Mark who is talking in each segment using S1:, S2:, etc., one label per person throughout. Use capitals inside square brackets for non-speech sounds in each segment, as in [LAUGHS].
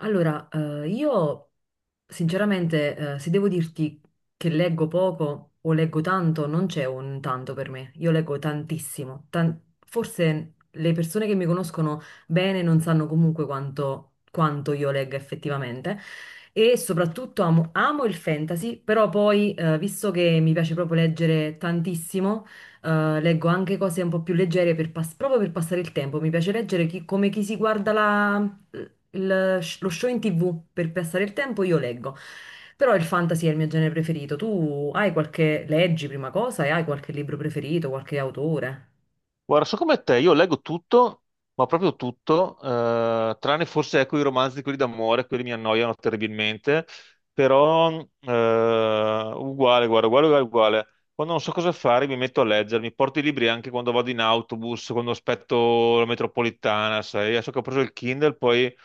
S1: Io sinceramente, se devo dirti che leggo poco o leggo tanto, non c'è un tanto per me. Io leggo tantissimo. Forse le persone che mi conoscono bene non sanno comunque quanto, quanto io legga effettivamente. E soprattutto amo il fantasy, però poi, visto che mi piace proprio leggere tantissimo, leggo anche cose un po' più leggere proprio per passare il tempo. Mi piace leggere come chi si guarda lo show in TV per passare il tempo, io leggo. Però il fantasy è il mio genere preferito. Tu hai qualche, leggi prima cosa e hai qualche libro preferito, qualche autore?
S2: Guarda, so come te, io leggo tutto, ma proprio tutto, tranne forse ecco i romanzi, quelli d'amore, quelli mi annoiano terribilmente, però eh, uguale, guarda, uguale, uguale, uguale. Quando non so cosa fare mi metto a leggere, mi porto i libri anche quando vado in autobus, quando aspetto la metropolitana, sai, adesso che ho preso il Kindle poi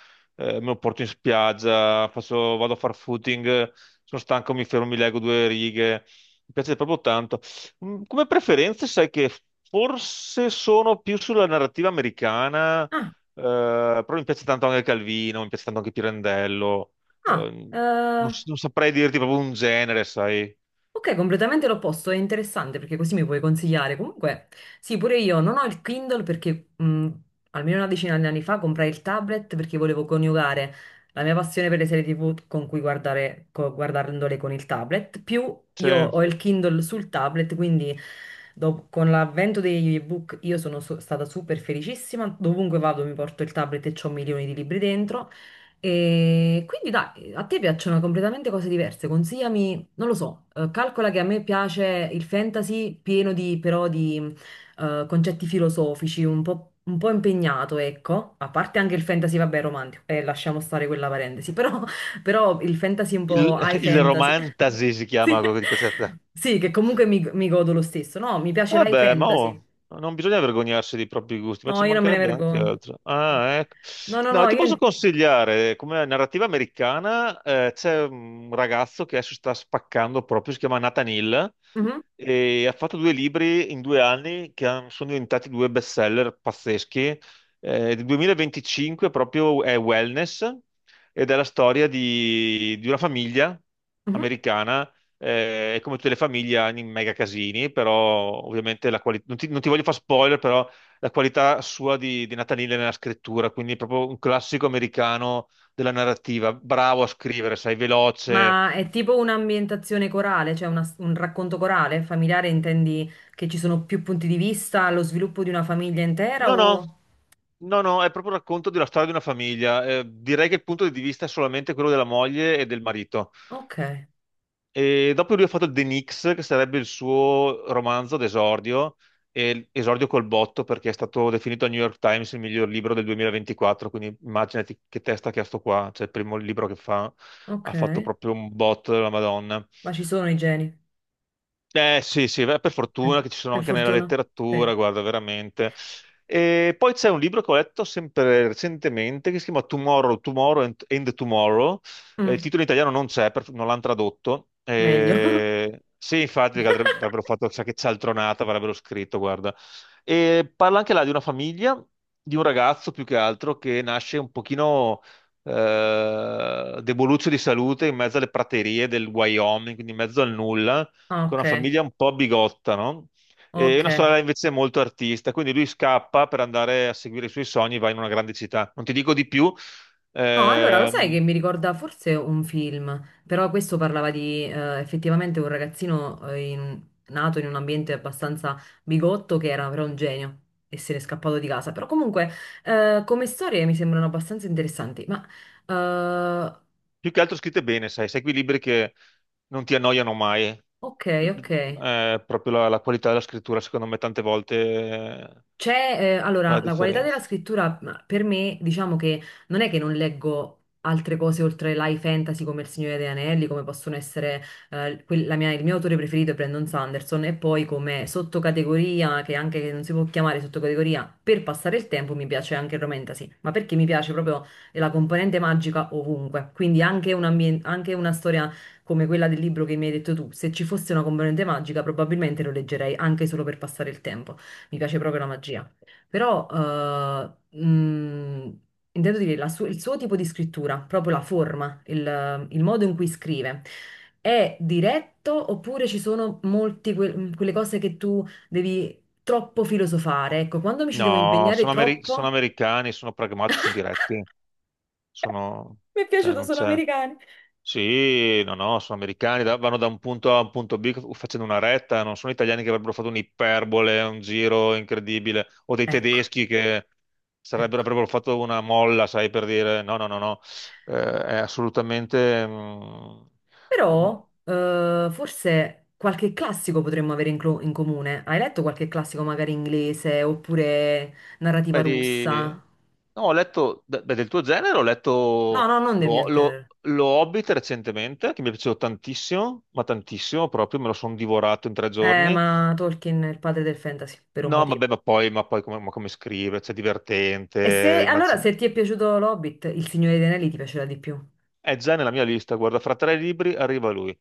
S2: me lo porto in spiaggia, vado a far footing, sono stanco, mi fermo, mi leggo due righe, mi piace proprio tanto. Come preferenze, sai che forse sono più sulla narrativa americana,
S1: Ah,
S2: però mi piace tanto anche Calvino, mi piace tanto anche Pirandello.
S1: ah,
S2: eh, non,
S1: eh.
S2: s- non saprei dirti proprio un genere, sai.
S1: Ok, completamente l'opposto, è interessante perché così mi puoi consigliare. Comunque, sì, pure io non ho il Kindle perché almeno una decina di anni fa comprai il tablet perché volevo coniugare la mia passione per le serie TV con cui guardare, guardandole con il tablet, più io
S2: Cioè,
S1: ho il Kindle sul tablet, quindi con l'avvento degli ebook io sono stata super felicissima, dovunque vado mi porto il tablet e ho milioni di libri dentro. E quindi dai, a te piacciono completamente cose diverse, consigliami non lo so, calcola che a me piace il fantasy pieno di, però di concetti filosofici, un po' impegnato, ecco, a parte anche il fantasy, vabbè, romantico, e lasciamo stare quella parentesi, [LAUGHS] però, però il fantasy un po' high
S2: [LAUGHS] il
S1: fantasy.
S2: romantasy si
S1: [LAUGHS] sì,
S2: chiama quello che ti piace a te.
S1: sì, che comunque mi godo lo stesso, no, mi piace l'high
S2: Vabbè, ma
S1: fantasy.
S2: oh, non bisogna vergognarsi dei propri gusti, ma
S1: No,
S2: ci
S1: io non me ne
S2: mancherebbe anche
S1: vergogno.
S2: altro.
S1: no,
S2: Ah, ecco. No,
S1: no,
S2: ti
S1: io...
S2: posso consigliare, come narrativa americana, c'è un ragazzo che adesso sta spaccando proprio, si chiama Nathan Hill,
S1: Mhm,
S2: e ha fatto due libri in 2 anni che sono diventati due bestseller pazzeschi. Del 2025 proprio è Wellness ed è la storia di una famiglia
S1: mhm.
S2: americana, e come tutte le famiglie hanno i mega casini, però ovviamente la qualità, non ti voglio fare spoiler, però la qualità sua di Nathanille nella scrittura, quindi proprio un classico americano della narrativa, bravo a scrivere, sai, veloce.
S1: Ma è tipo un'ambientazione corale, cioè un racconto corale, familiare, intendi che ci sono più punti di vista allo sviluppo di una famiglia intera
S2: No, no,
S1: o...
S2: no, no, è proprio il racconto della storia di una famiglia. Direi che il punto di vista è solamente quello della moglie e del marito.
S1: Ok,
S2: E dopo lui ha fatto The Nix, che sarebbe il suo romanzo d'esordio, e esordio col botto perché è stato definito al New York Times il miglior libro del 2024, quindi immaginati che testa che ha sto qua, cioè il primo libro che fa,
S1: ok,
S2: ha fatto proprio un botto della Madonna.
S1: ma ci sono i geni.
S2: Eh sì, sì, beh, per
S1: Sì.
S2: fortuna che ci sono
S1: Per
S2: anche nella
S1: fortuna, sì.
S2: letteratura, guarda, veramente. E poi c'è un libro che ho letto sempre recentemente che si chiama Tomorrow, Tomorrow and Tomorrow. Il
S1: Mm,
S2: titolo in italiano non c'è, non l'hanno tradotto.
S1: meglio. [LAUGHS]
S2: Sì, infatti, perché avrebbero fatto chissà che cialtronata, avrebbero scritto, guarda. E parla anche là di una famiglia, di un ragazzo più che altro che nasce un pochino deboluccio di salute in mezzo alle praterie del Wyoming, quindi in mezzo al nulla con
S1: Ok,
S2: una famiglia un po' bigotta, no? E
S1: ok.
S2: una sorella invece è molto artista, quindi lui scappa per andare a seguire i suoi sogni, va in una grande città. Non ti dico di più,
S1: No, allora lo sai che
S2: ehm,
S1: mi ricorda forse un film, però questo parlava di effettivamente un ragazzino nato in un ambiente abbastanza bigotto che era però un genio e se n'è scappato di casa. Però comunque come storie mi sembrano abbastanza interessanti. Ma eh,
S2: più che altro scritte bene, sai, sai quei libri che non ti annoiano mai.
S1: ok, ok.
S2: Proprio la qualità della scrittura, secondo me, tante volte eh,
S1: C'è,
S2: fa la
S1: allora, la qualità della
S2: differenza.
S1: scrittura ma, per me, diciamo che non è che non leggo altre cose oltre l'high fantasy come Il Signore degli Anelli, come possono essere il mio autore preferito è Brandon Sanderson, e poi come sottocategoria, che anche che non si può chiamare sottocategoria, per passare il tempo mi piace anche il romantasy, ma perché mi piace proprio la componente magica ovunque, quindi anche anche una storia come quella del libro che mi hai detto tu, se ci fosse una componente magica probabilmente lo leggerei anche solo per passare il tempo. Mi piace proprio la magia. Però intendo dire il suo tipo di scrittura, proprio la forma, il modo in cui scrive. È diretto oppure ci sono molte quelle cose che tu devi troppo filosofare? Ecco, quando mi ci devo
S2: No,
S1: impegnare
S2: sono, sono
S1: troppo.
S2: americani, sono pragmatici, sono diretti, sono,
S1: [LAUGHS] Mi è
S2: cioè
S1: piaciuto,
S2: non
S1: sono
S2: c'è.
S1: americani.
S2: Sì, no, no, sono americani, vanno da un punto A a un punto B facendo una retta, non sono italiani che avrebbero fatto un'iperbole, un giro incredibile, o dei
S1: Ecco,
S2: tedeschi che
S1: ecco.
S2: avrebbero fatto una molla, sai, per dire no, no, no, no. È assolutamente, mm,
S1: Però forse qualche classico potremmo avere in, in comune. Hai letto qualche classico magari inglese oppure narrativa
S2: beh, di.
S1: russa?
S2: No, ho letto, beh, del tuo genere, ho
S1: No,
S2: letto
S1: no, non del
S2: lo,
S1: mio
S2: lo,
S1: genere.
S2: lo Hobbit recentemente, che mi è piaciuto tantissimo, ma tantissimo proprio, me lo sono divorato in tre giorni.
S1: Ma Tolkien è il padre del fantasy, per un
S2: No,
S1: motivo.
S2: vabbè, ma come scrive, c'è
S1: E se,
S2: divertente,
S1: allora, se ti è piaciuto L'Hobbit, Il Signore dei Anelli ti piacerà di più.
S2: è già nella mia lista, guarda, fra tre libri arriva lui.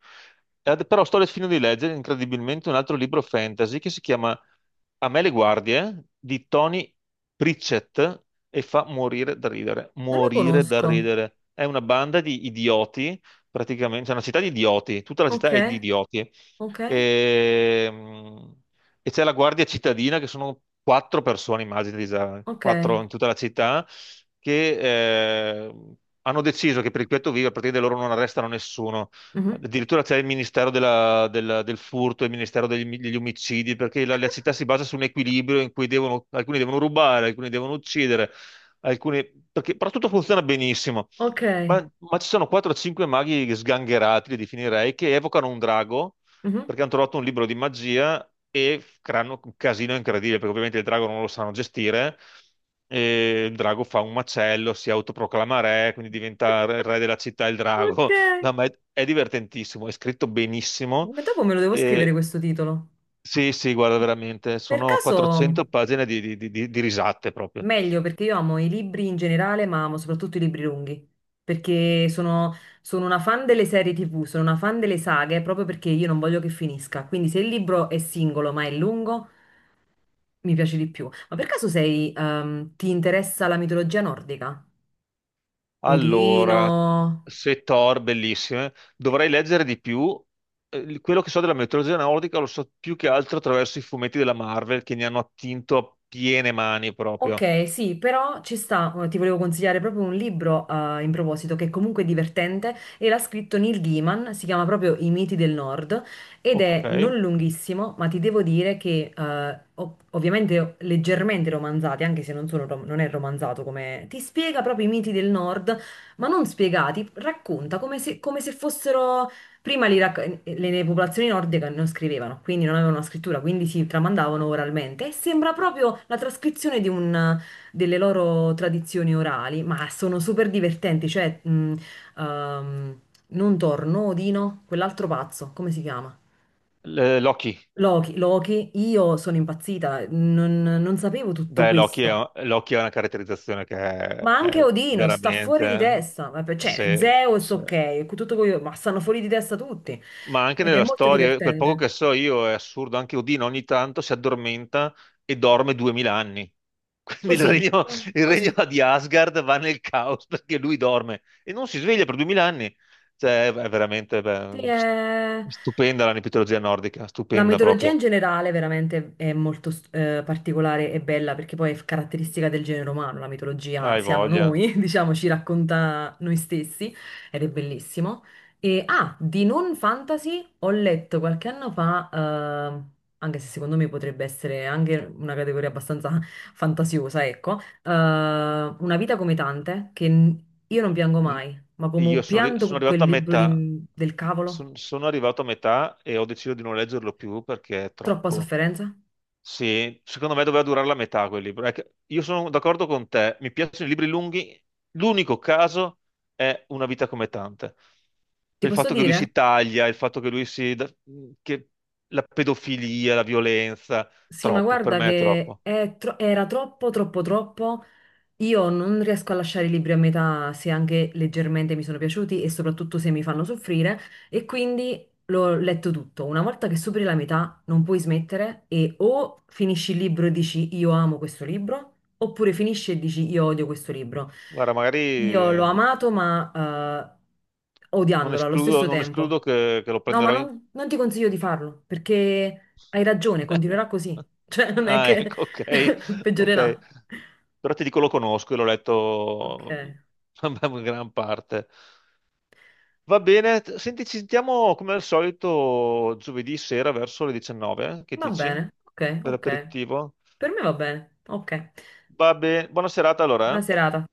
S2: Però sto finendo di leggere incredibilmente un altro libro fantasy che si chiama A me le guardie di Tony Pritchett e fa morire da ridere,
S1: Non lo
S2: morire da
S1: conosco.
S2: ridere. È una banda di idioti, praticamente, c'è una città di idioti, tutta la città
S1: Ok,
S2: è di idioti.
S1: ok,
S2: Ehm, e c'è la guardia cittadina che sono quattro persone, immagini, già,
S1: ok.
S2: quattro in tutta la città, che hanno deciso che per il piatto vivo a partire da loro non arrestano nessuno.
S1: Mhm.
S2: Addirittura c'è il Ministero del furto, il Ministero degli omicidi, perché la città si basa su un equilibrio in cui alcuni devono rubare, alcuni devono uccidere, alcuni, perché, però tutto funziona benissimo.
S1: Ok,
S2: Ma ci sono 4 o 5 maghi sgangherati, li definirei, che evocano un drago
S1: mhm.
S2: perché hanno trovato un libro di magia e creano un casino incredibile, perché ovviamente il drago non lo sanno gestire, e il drago fa un macello, si autoproclama re, quindi diventa re
S1: [LAUGHS]
S2: re della città il
S1: Ok.
S2: drago. No, ma è divertentissimo, è scritto benissimo.
S1: Ma dopo me lo devo scrivere
S2: E,
S1: questo titolo.
S2: sì, sì, guarda, veramente,
S1: Per
S2: sono
S1: caso...
S2: 400 pagine di risate proprio.
S1: Meglio perché io amo i libri in generale, ma amo soprattutto i libri lunghi, perché sono una fan delle serie TV, sono una fan delle saghe proprio perché io non voglio che finisca. Quindi se il libro è singolo ma è lungo, mi piace di più. Ma per caso sei, ti interessa la mitologia nordica? Odino?
S2: Allora, se Thor, bellissime, dovrei leggere di più. Quello che so della mitologia nordica lo so più che altro attraverso i fumetti della Marvel che ne hanno attinto a piene mani proprio.
S1: Ok, sì, però ci sta, ti volevo consigliare proprio un libro in proposito che è comunque divertente e l'ha scritto Neil Gaiman, si chiama proprio I miti del Nord ed
S2: Ok.
S1: è non lunghissimo, ma ti devo dire che ovviamente leggermente romanzati, anche se non, non è romanzato come... ti spiega proprio i miti del Nord, ma non spiegati, racconta come se fossero Prima le popolazioni nordiche non scrivevano, quindi non avevano una scrittura, quindi si tramandavano oralmente e sembra proprio la trascrizione di delle loro tradizioni orali, ma sono super divertenti, cioè ehm, non torno, Odino, quell'altro pazzo, come si chiama?
S2: Loki.
S1: Loki, Loki, io sono impazzita, non sapevo tutto
S2: Beh,
S1: questo.
S2: Loki è una caratterizzazione che
S1: Ma anche
S2: è
S1: Odino sta fuori di
S2: veramente.
S1: testa, ma per- cioè
S2: eh,
S1: Zeus
S2: Se,
S1: ok, tutto quello, ma stanno fuori di testa tutti
S2: ma anche
S1: ed è
S2: nella
S1: molto
S2: storia, quel poco
S1: divertente.
S2: che so io è assurdo, anche Odino ogni tanto si addormenta e dorme 2000 anni. [LAUGHS] Quindi
S1: Così,
S2: il regno
S1: così.
S2: di Asgard va nel caos perché lui dorme e non si sveglia per 2000 anni. Cioè, è veramente
S1: Sì,
S2: beh,
S1: eh.
S2: stupenda la mitologia nordica,
S1: La
S2: stupenda
S1: mitologia in
S2: proprio.
S1: generale veramente è molto particolare e bella perché poi è caratteristica del genere umano, la mitologia
S2: Hai
S1: siamo
S2: voglia.
S1: noi, [LAUGHS] diciamo, ci racconta noi stessi ed è bellissimo. E ah, di non fantasy ho letto qualche anno fa, anche se secondo me potrebbe essere anche una categoria abbastanza [LAUGHS] fantasiosa, ecco, Una vita come tante, che n- io non piango
S2: L-
S1: mai, ma come
S2: Io
S1: ho
S2: sono, arri-
S1: pianto
S2: sono
S1: con quel
S2: arrivato a
S1: libro
S2: metà,
S1: del cavolo,
S2: son- sono arrivato a metà e ho deciso di non leggerlo più perché è
S1: troppa
S2: troppo.
S1: sofferenza.
S2: Sì, secondo me doveva durare la metà quel libro. È che io sono d'accordo con te, mi piacciono i libri lunghi. L'unico caso è Una vita come tante.
S1: Ti
S2: Per il
S1: posso
S2: fatto che lui
S1: dire?
S2: si taglia, il fatto che lui si, che la pedofilia, la violenza,
S1: Sì, ma
S2: troppo, per
S1: guarda
S2: me è
S1: che
S2: troppo.
S1: è era troppo, troppo. Io non riesco a lasciare i libri a metà se anche leggermente mi sono piaciuti e soprattutto se mi fanno soffrire e quindi l'ho letto tutto. Una volta che superi la metà non puoi smettere e o finisci il libro e dici io amo questo libro oppure finisci e dici io odio questo libro.
S2: Guarda, magari
S1: Io l'ho amato ma odiandolo allo stesso
S2: non escludo
S1: tempo.
S2: che lo
S1: No, ma
S2: prenderò in.
S1: non ti consiglio di farlo perché hai ragione, continuerà
S2: [LAUGHS]
S1: così. [LAUGHS] Cioè non è
S2: Ah,
S1: che
S2: ecco, ok,
S1: [LAUGHS]
S2: ok.
S1: peggiorerà.
S2: Però ti dico, lo conosco e l'ho
S1: Ok.
S2: letto [LAUGHS] in gran parte. Va bene, senti, ci sentiamo come al solito giovedì sera verso le 19, eh? Che
S1: Va
S2: dici?
S1: bene, ok,
S2: Per
S1: ok.
S2: l'aperitivo.
S1: Per me va bene, ok.
S2: Va bene, buona serata allora,
S1: Buona
S2: eh?
S1: serata.